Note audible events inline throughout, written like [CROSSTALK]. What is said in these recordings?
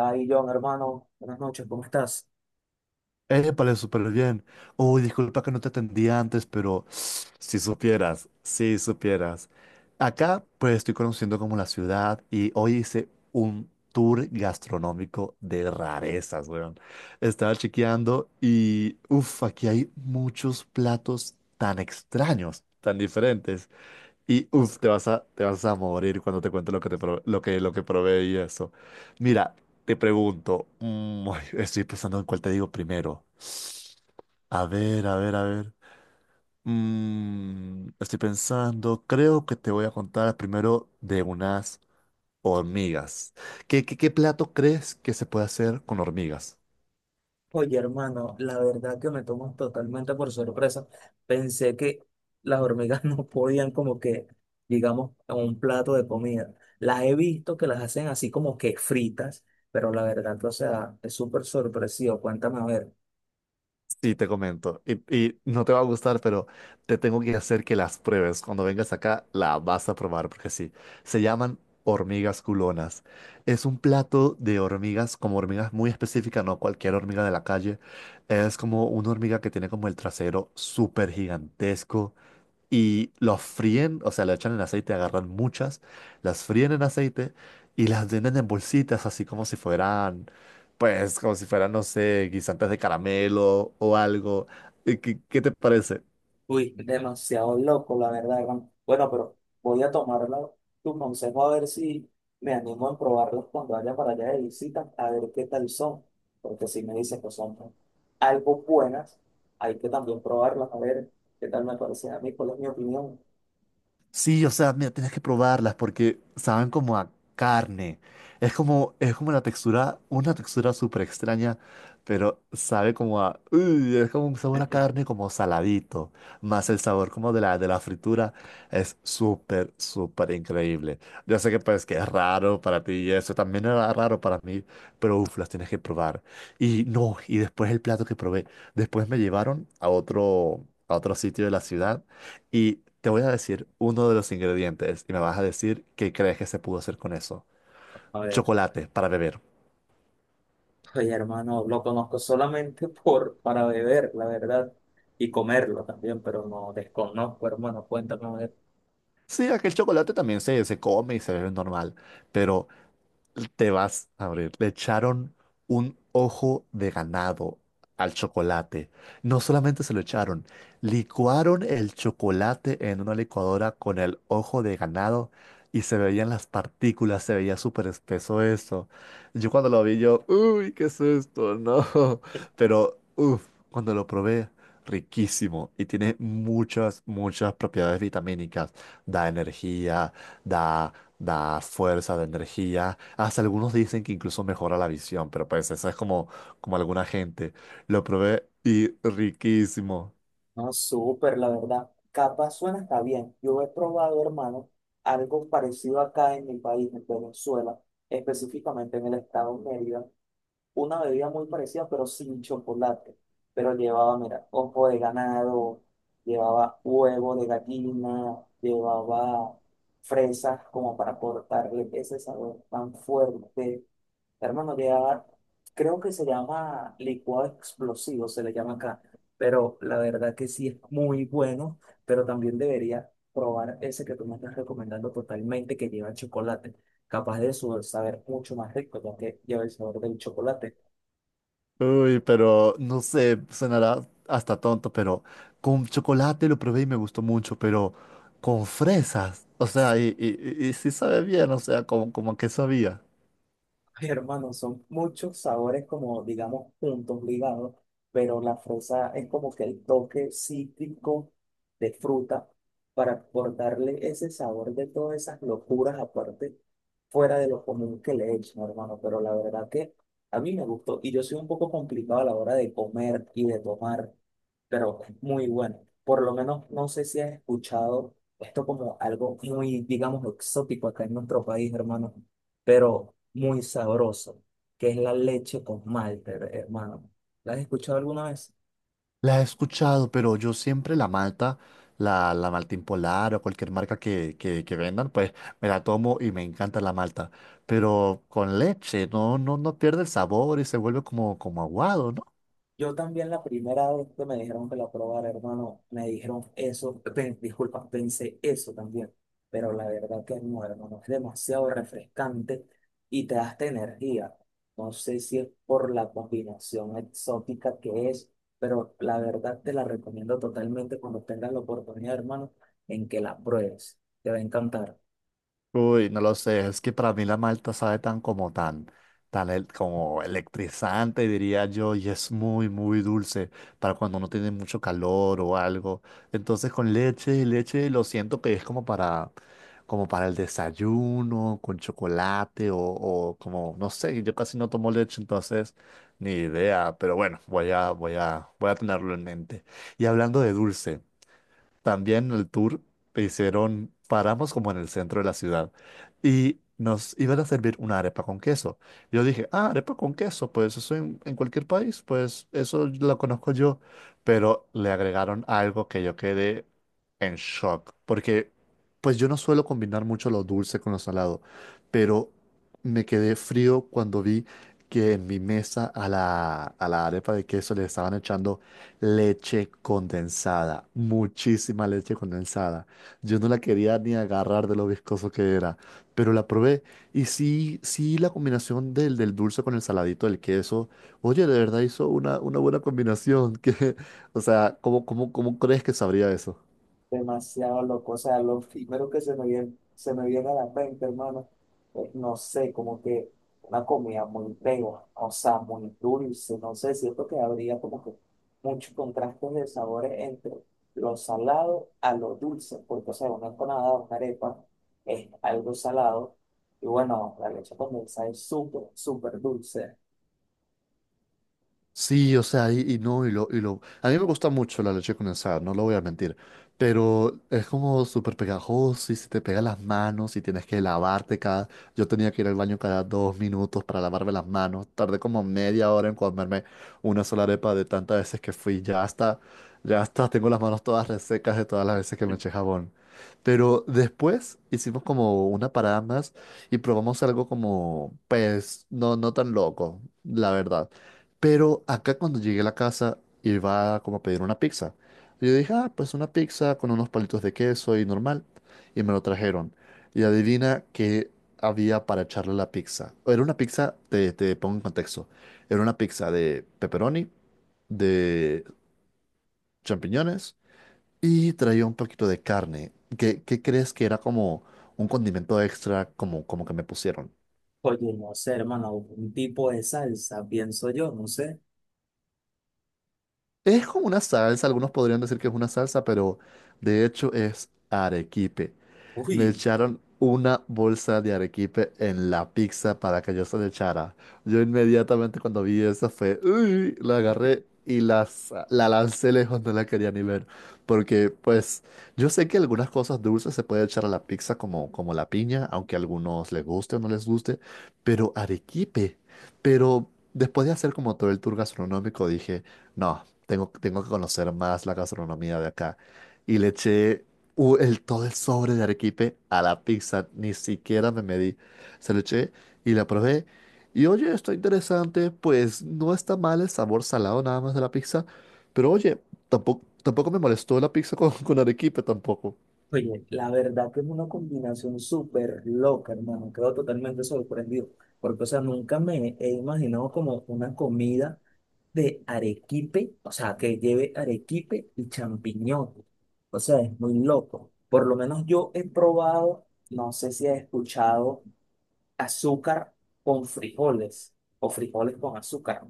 Ay, John, hermano, buenas noches, ¿cómo estás? Épale, súper bien. Uy, disculpa que no te atendí antes, pero si supieras. Acá, pues estoy conociendo como la ciudad y hoy hice un tour gastronómico de rarezas, weón. Estaba chequeando y, uff, aquí hay muchos platos tan extraños, tan diferentes. Y, uff, te vas a morir cuando te cuente lo que probé y eso. Mira, te pregunto, [LAUGHS] ay, estoy pensando en cuál te digo primero. A ver, a ver, a ver. Estoy pensando, creo que te voy a contar primero de unas hormigas. Qué plato crees que se puede hacer con hormigas? Oye, hermano, la verdad que me tomas totalmente por sorpresa. Pensé que las hormigas [LAUGHS] no podían como que, digamos, en un plato de comida. Las he visto que las hacen así como que fritas, pero la verdad que, o sea, es súper sorpresivo. Cuéntame a ver. Sí, te comento. Y no te va a gustar, pero te tengo que hacer que las pruebes. Cuando vengas acá, la vas a probar, porque sí. Se llaman hormigas culonas. Es un plato de hormigas, como hormigas muy específicas, no cualquier hormiga de la calle. Es como una hormiga que tiene como el trasero súper gigantesco y los fríen, o sea, le echan en aceite, agarran muchas, las fríen en aceite y las venden en bolsitas, así como si fueran, pues, como si fueran, no sé, guisantes de caramelo o algo. ¿Qué te parece? Uy, demasiado loco, la verdad, hermano. Bueno, pero voy a tomar tu consejo a ver si me animo a probarlos cuando vaya para allá de visita, a ver qué tal son. Porque si me dicen que son algo buenas, hay que también probarlas, a ver qué tal me parecen a mí, cuál es mi opinión. Sí, o sea, mira, tienes que probarlas porque saben como a carne. Es como la textura, una textura súper extraña, pero sabe como a, uy, es como un sabor a carne [LAUGHS] como saladito, más el sabor como de la fritura. Es súper, súper increíble. Yo sé que pues que es raro para ti y eso también era raro para mí, pero uff, las tienes que probar. Y no, y después el plato que probé, después me llevaron a otro sitio de la ciudad y te voy a decir uno de los ingredientes y me vas a decir qué crees que se pudo hacer con eso. A ver, Chocolate para beber. oye, hermano, lo conozco solamente [LAUGHS] por, para beber, la verdad, y comerlo también, pero no desconozco, hermano, cuéntame. Sí, aquel chocolate también se come y se bebe normal, pero te vas a abrir. Le echaron un ojo de ganado al chocolate. No solamente se lo echaron, licuaron el chocolate en una licuadora con el ojo de ganado y se veían las partículas, se veía súper espeso eso. Yo cuando lo vi, yo, uy, ¿qué es esto? [LAUGHS] No. Pero, uff, cuando lo probé. Riquísimo y tiene muchas, muchas propiedades vitamínicas. Da energía, da, da fuerza, da energía. Hasta algunos dicen que incluso mejora la visión, pero pues eso es como, como alguna gente. Lo probé y riquísimo. No, súper, la verdad. Capa suena está bien. Yo he probado, hermano, algo parecido acá en mi país, en Venezuela, específicamente en el estado de Mérida, una bebida muy parecida, pero sin chocolate. Pero llevaba, mira, ojo de ganado, llevaba huevo de gallina, llevaba fresas como para cortarle ese sabor tan fuerte. Hermano, ya creo que se llama licuado explosivo, se le llama acá, pero la verdad que sí es muy bueno, pero también debería probar ese que tú me estás recomendando totalmente, que lleva chocolate. Capaz de su saber mucho más rico, ya que lleva el sabor del chocolate. Uy, pero no sé, sonará hasta tonto, pero con chocolate lo probé y me gustó mucho, pero con fresas. O sea, y sí sabe bien, o sea, como, como que sabía. [LAUGHS] Ay, hermano, son muchos sabores como, digamos, juntos, ligados, pero la fresa es como que el toque cítrico de fruta para por darle ese sabor de todas esas locuras aparte, fuera de lo común que le echan, hermano. Pero la verdad que a mí me gustó y yo soy un poco complicado a la hora de comer y de tomar, pero muy bueno. Por lo menos no sé si has escuchado esto como algo muy, digamos, exótico acá en nuestro país, hermano, pero muy sabroso, que es la leche con malte, hermano. ¿La has escuchado alguna vez? La he escuchado, pero yo siempre la malta, la Maltín Polar o cualquier marca que vendan, pues me la tomo y me encanta la malta. Pero con leche, no pierde el sabor y se vuelve como, como aguado, ¿no? Yo también la primera vez que me dijeron que la probara, hermano, me dijeron eso, disculpa, pensé eso también, pero la verdad que no, hermano, es demasiado refrescante y te da esta energía. No sé si es por la combinación exótica que es, pero la verdad te la recomiendo totalmente cuando tengas la oportunidad, hermano, en que la pruebes. Te va a encantar. Uy, no lo sé, es que para mí la malta sabe tan como tan, tan el- como electrizante, diría yo, y es muy, muy dulce para cuando no tiene mucho calor o algo. Entonces con leche, leche lo siento que es como para, como para el desayuno, con chocolate o como, no sé, yo casi no tomo leche, entonces ni idea, pero bueno, voy a tenerlo en mente. Y hablando de dulce. También el tour hicieron, paramos como en el centro de la ciudad y nos iban a servir una arepa con queso. Yo dije, ah, arepa con queso, pues eso en cualquier país, pues eso lo conozco yo. Pero le agregaron algo que yo quedé en shock, porque pues yo no suelo combinar mucho lo dulce con lo salado, pero me quedé frío cuando vi que en mi mesa a a la arepa de queso le estaban echando leche condensada, muchísima leche condensada. Yo no la quería ni agarrar de lo viscoso que era, pero la probé. Y sí, sí, la combinación del dulce con el saladito del queso. Oye, de verdad hizo una buena combinación. [LAUGHS] Que, o sea, cómo crees que sabría eso? Demasiado loco. O sea, lo primero que se me viene a la mente, hermano, es, no sé, como que una comida muy pegajosa, muy dulce, no sé, siento que habría como que muchos contrastes de sabores entre lo salado a lo dulce, porque, o sea, una empanada, una arepa es algo salado, y bueno, la leche condensada es súper, súper dulce. Sí, o sea, y no, y lo. A mí me gusta mucho la leche condensada, no lo voy a mentir, pero es como súper pegajoso y se te pega las manos y tienes que lavarte cada... Yo tenía que ir al baño cada dos minutos para lavarme las manos, tardé como media hora en comerme una sola arepa de tantas veces que fui, ya hasta tengo las manos todas resecas de todas las veces que me eché jabón. Pero después hicimos como una parada más y probamos algo como, pues, no, no tan loco, la verdad. Pero acá cuando llegué a la casa iba como a pedir una pizza. Y yo dije, ah, pues una pizza con unos palitos de queso y normal. Y me lo trajeron. Y adivina qué había para echarle a la pizza. Era una pizza, te pongo en contexto. Era una pizza de pepperoni, de champiñones y traía un poquito de carne. ¿Qué crees que era como un condimento extra como, como que me pusieron? Oye, no sé, hermano, un tipo de salsa, pienso yo, no sé. Es como una salsa, algunos podrían decir que es una salsa, pero de hecho es arequipe. Me Uy. echaron una bolsa de arequipe en la pizza para que yo se la echara. Yo inmediatamente cuando vi eso fue, uy, la agarré la lancé lejos, no la quería ni ver. Porque pues yo sé que algunas cosas dulces se puede echar a la pizza como, como la piña, aunque a algunos les guste o no les guste, pero arequipe. Pero después de hacer como todo el tour gastronómico dije, no tengo, tengo que conocer más la gastronomía de acá. Y le eché todo el sobre de arequipe a la pizza, ni siquiera me medí. Se lo eché y la probé. Y oye, está interesante, pues no está mal el sabor salado nada más de la pizza, pero oye, tampoco, tampoco me molestó la pizza con arequipe tampoco. Oye, la verdad que es una combinación súper loca, hermano. Quedo totalmente sorprendido. Porque, o sea, nunca me he imaginado como una comida de arequipe, o sea, que lleve arequipe y champiñón. O sea, es muy loco. Por lo menos yo he probado, no sé si has escuchado, azúcar con frijoles o frijoles con azúcar.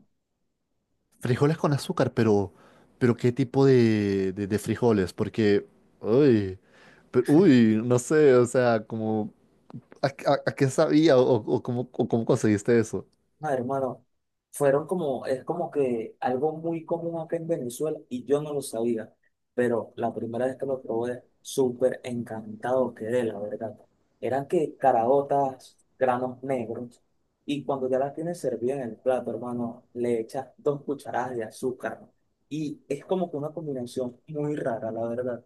Frijoles con azúcar, pero ¿qué tipo de frijoles? Porque, uy, pero- uy, no sé, o sea, como... a qué sabía o cómo conseguiste eso? Ah, hermano, fueron como, es como que algo muy común acá en Venezuela y yo no lo sabía, pero la primera vez que lo probé, súper encantado quedé, la verdad. Eran que caraotas, granos negros, y cuando ya las tienes servidas en el plato, hermano, le echas dos cucharadas de azúcar, ¿no? Y es como que una combinación muy rara, la verdad,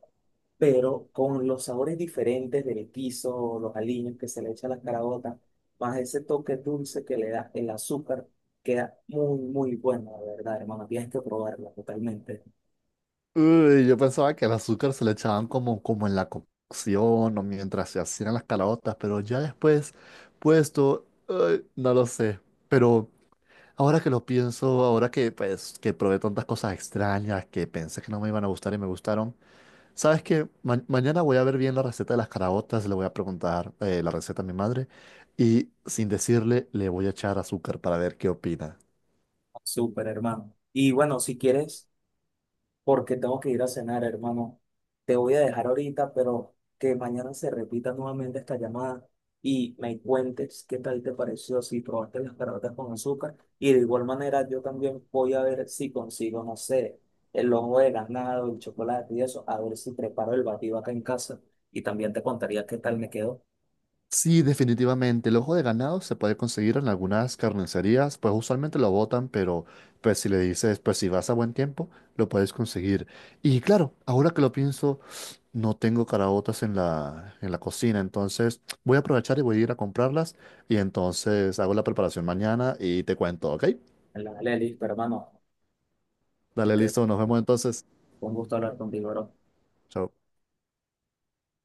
pero con los sabores diferentes del guiso, los aliños que se le echa a las caraotas, más ese toque dulce que le da el azúcar, queda muy, muy bueno, la verdad, hermano. Tienes que probarla totalmente. Uy, yo pensaba que el azúcar se le echaban como, como en la cocción o mientras se hacían las calabotas, pero ya después puesto, ay, no lo sé. Pero ahora que lo pienso, ahora que pues que probé tantas cosas extrañas que pensé que no me iban a gustar y me gustaron, ¿sabes qué? Ma- mañana voy a ver bien la receta de las caraotas, le voy a preguntar la receta a mi madre y sin decirle le voy a echar azúcar para ver qué opina. Súper, hermano. Y bueno, si quieres, porque tengo que ir a cenar, hermano. Te voy a dejar ahorita, pero que mañana se repita nuevamente esta llamada y me cuentes qué tal te pareció, si probaste las caraotas con azúcar. Y de igual manera, yo también voy a ver si consigo, no sé, el ojo de ganado, el chocolate y eso, a ver si preparo el batido acá en casa. Y también te contaría qué tal me quedó Sí, definitivamente. El ojo de ganado se puede conseguir en algunas carnicerías, pues usualmente lo botan, pero pues si le dices, pues si vas a buen tiempo, lo puedes conseguir. Y claro, ahora que lo pienso, no tengo caraotas en en la cocina, entonces voy a aprovechar y voy a ir a comprarlas y entonces hago la preparación mañana y te cuento, ¿ok? en la Lelis, pero hermano, Dale, este, listo, nos vemos entonces. fue un gusto hablar contigo, bro. Chao.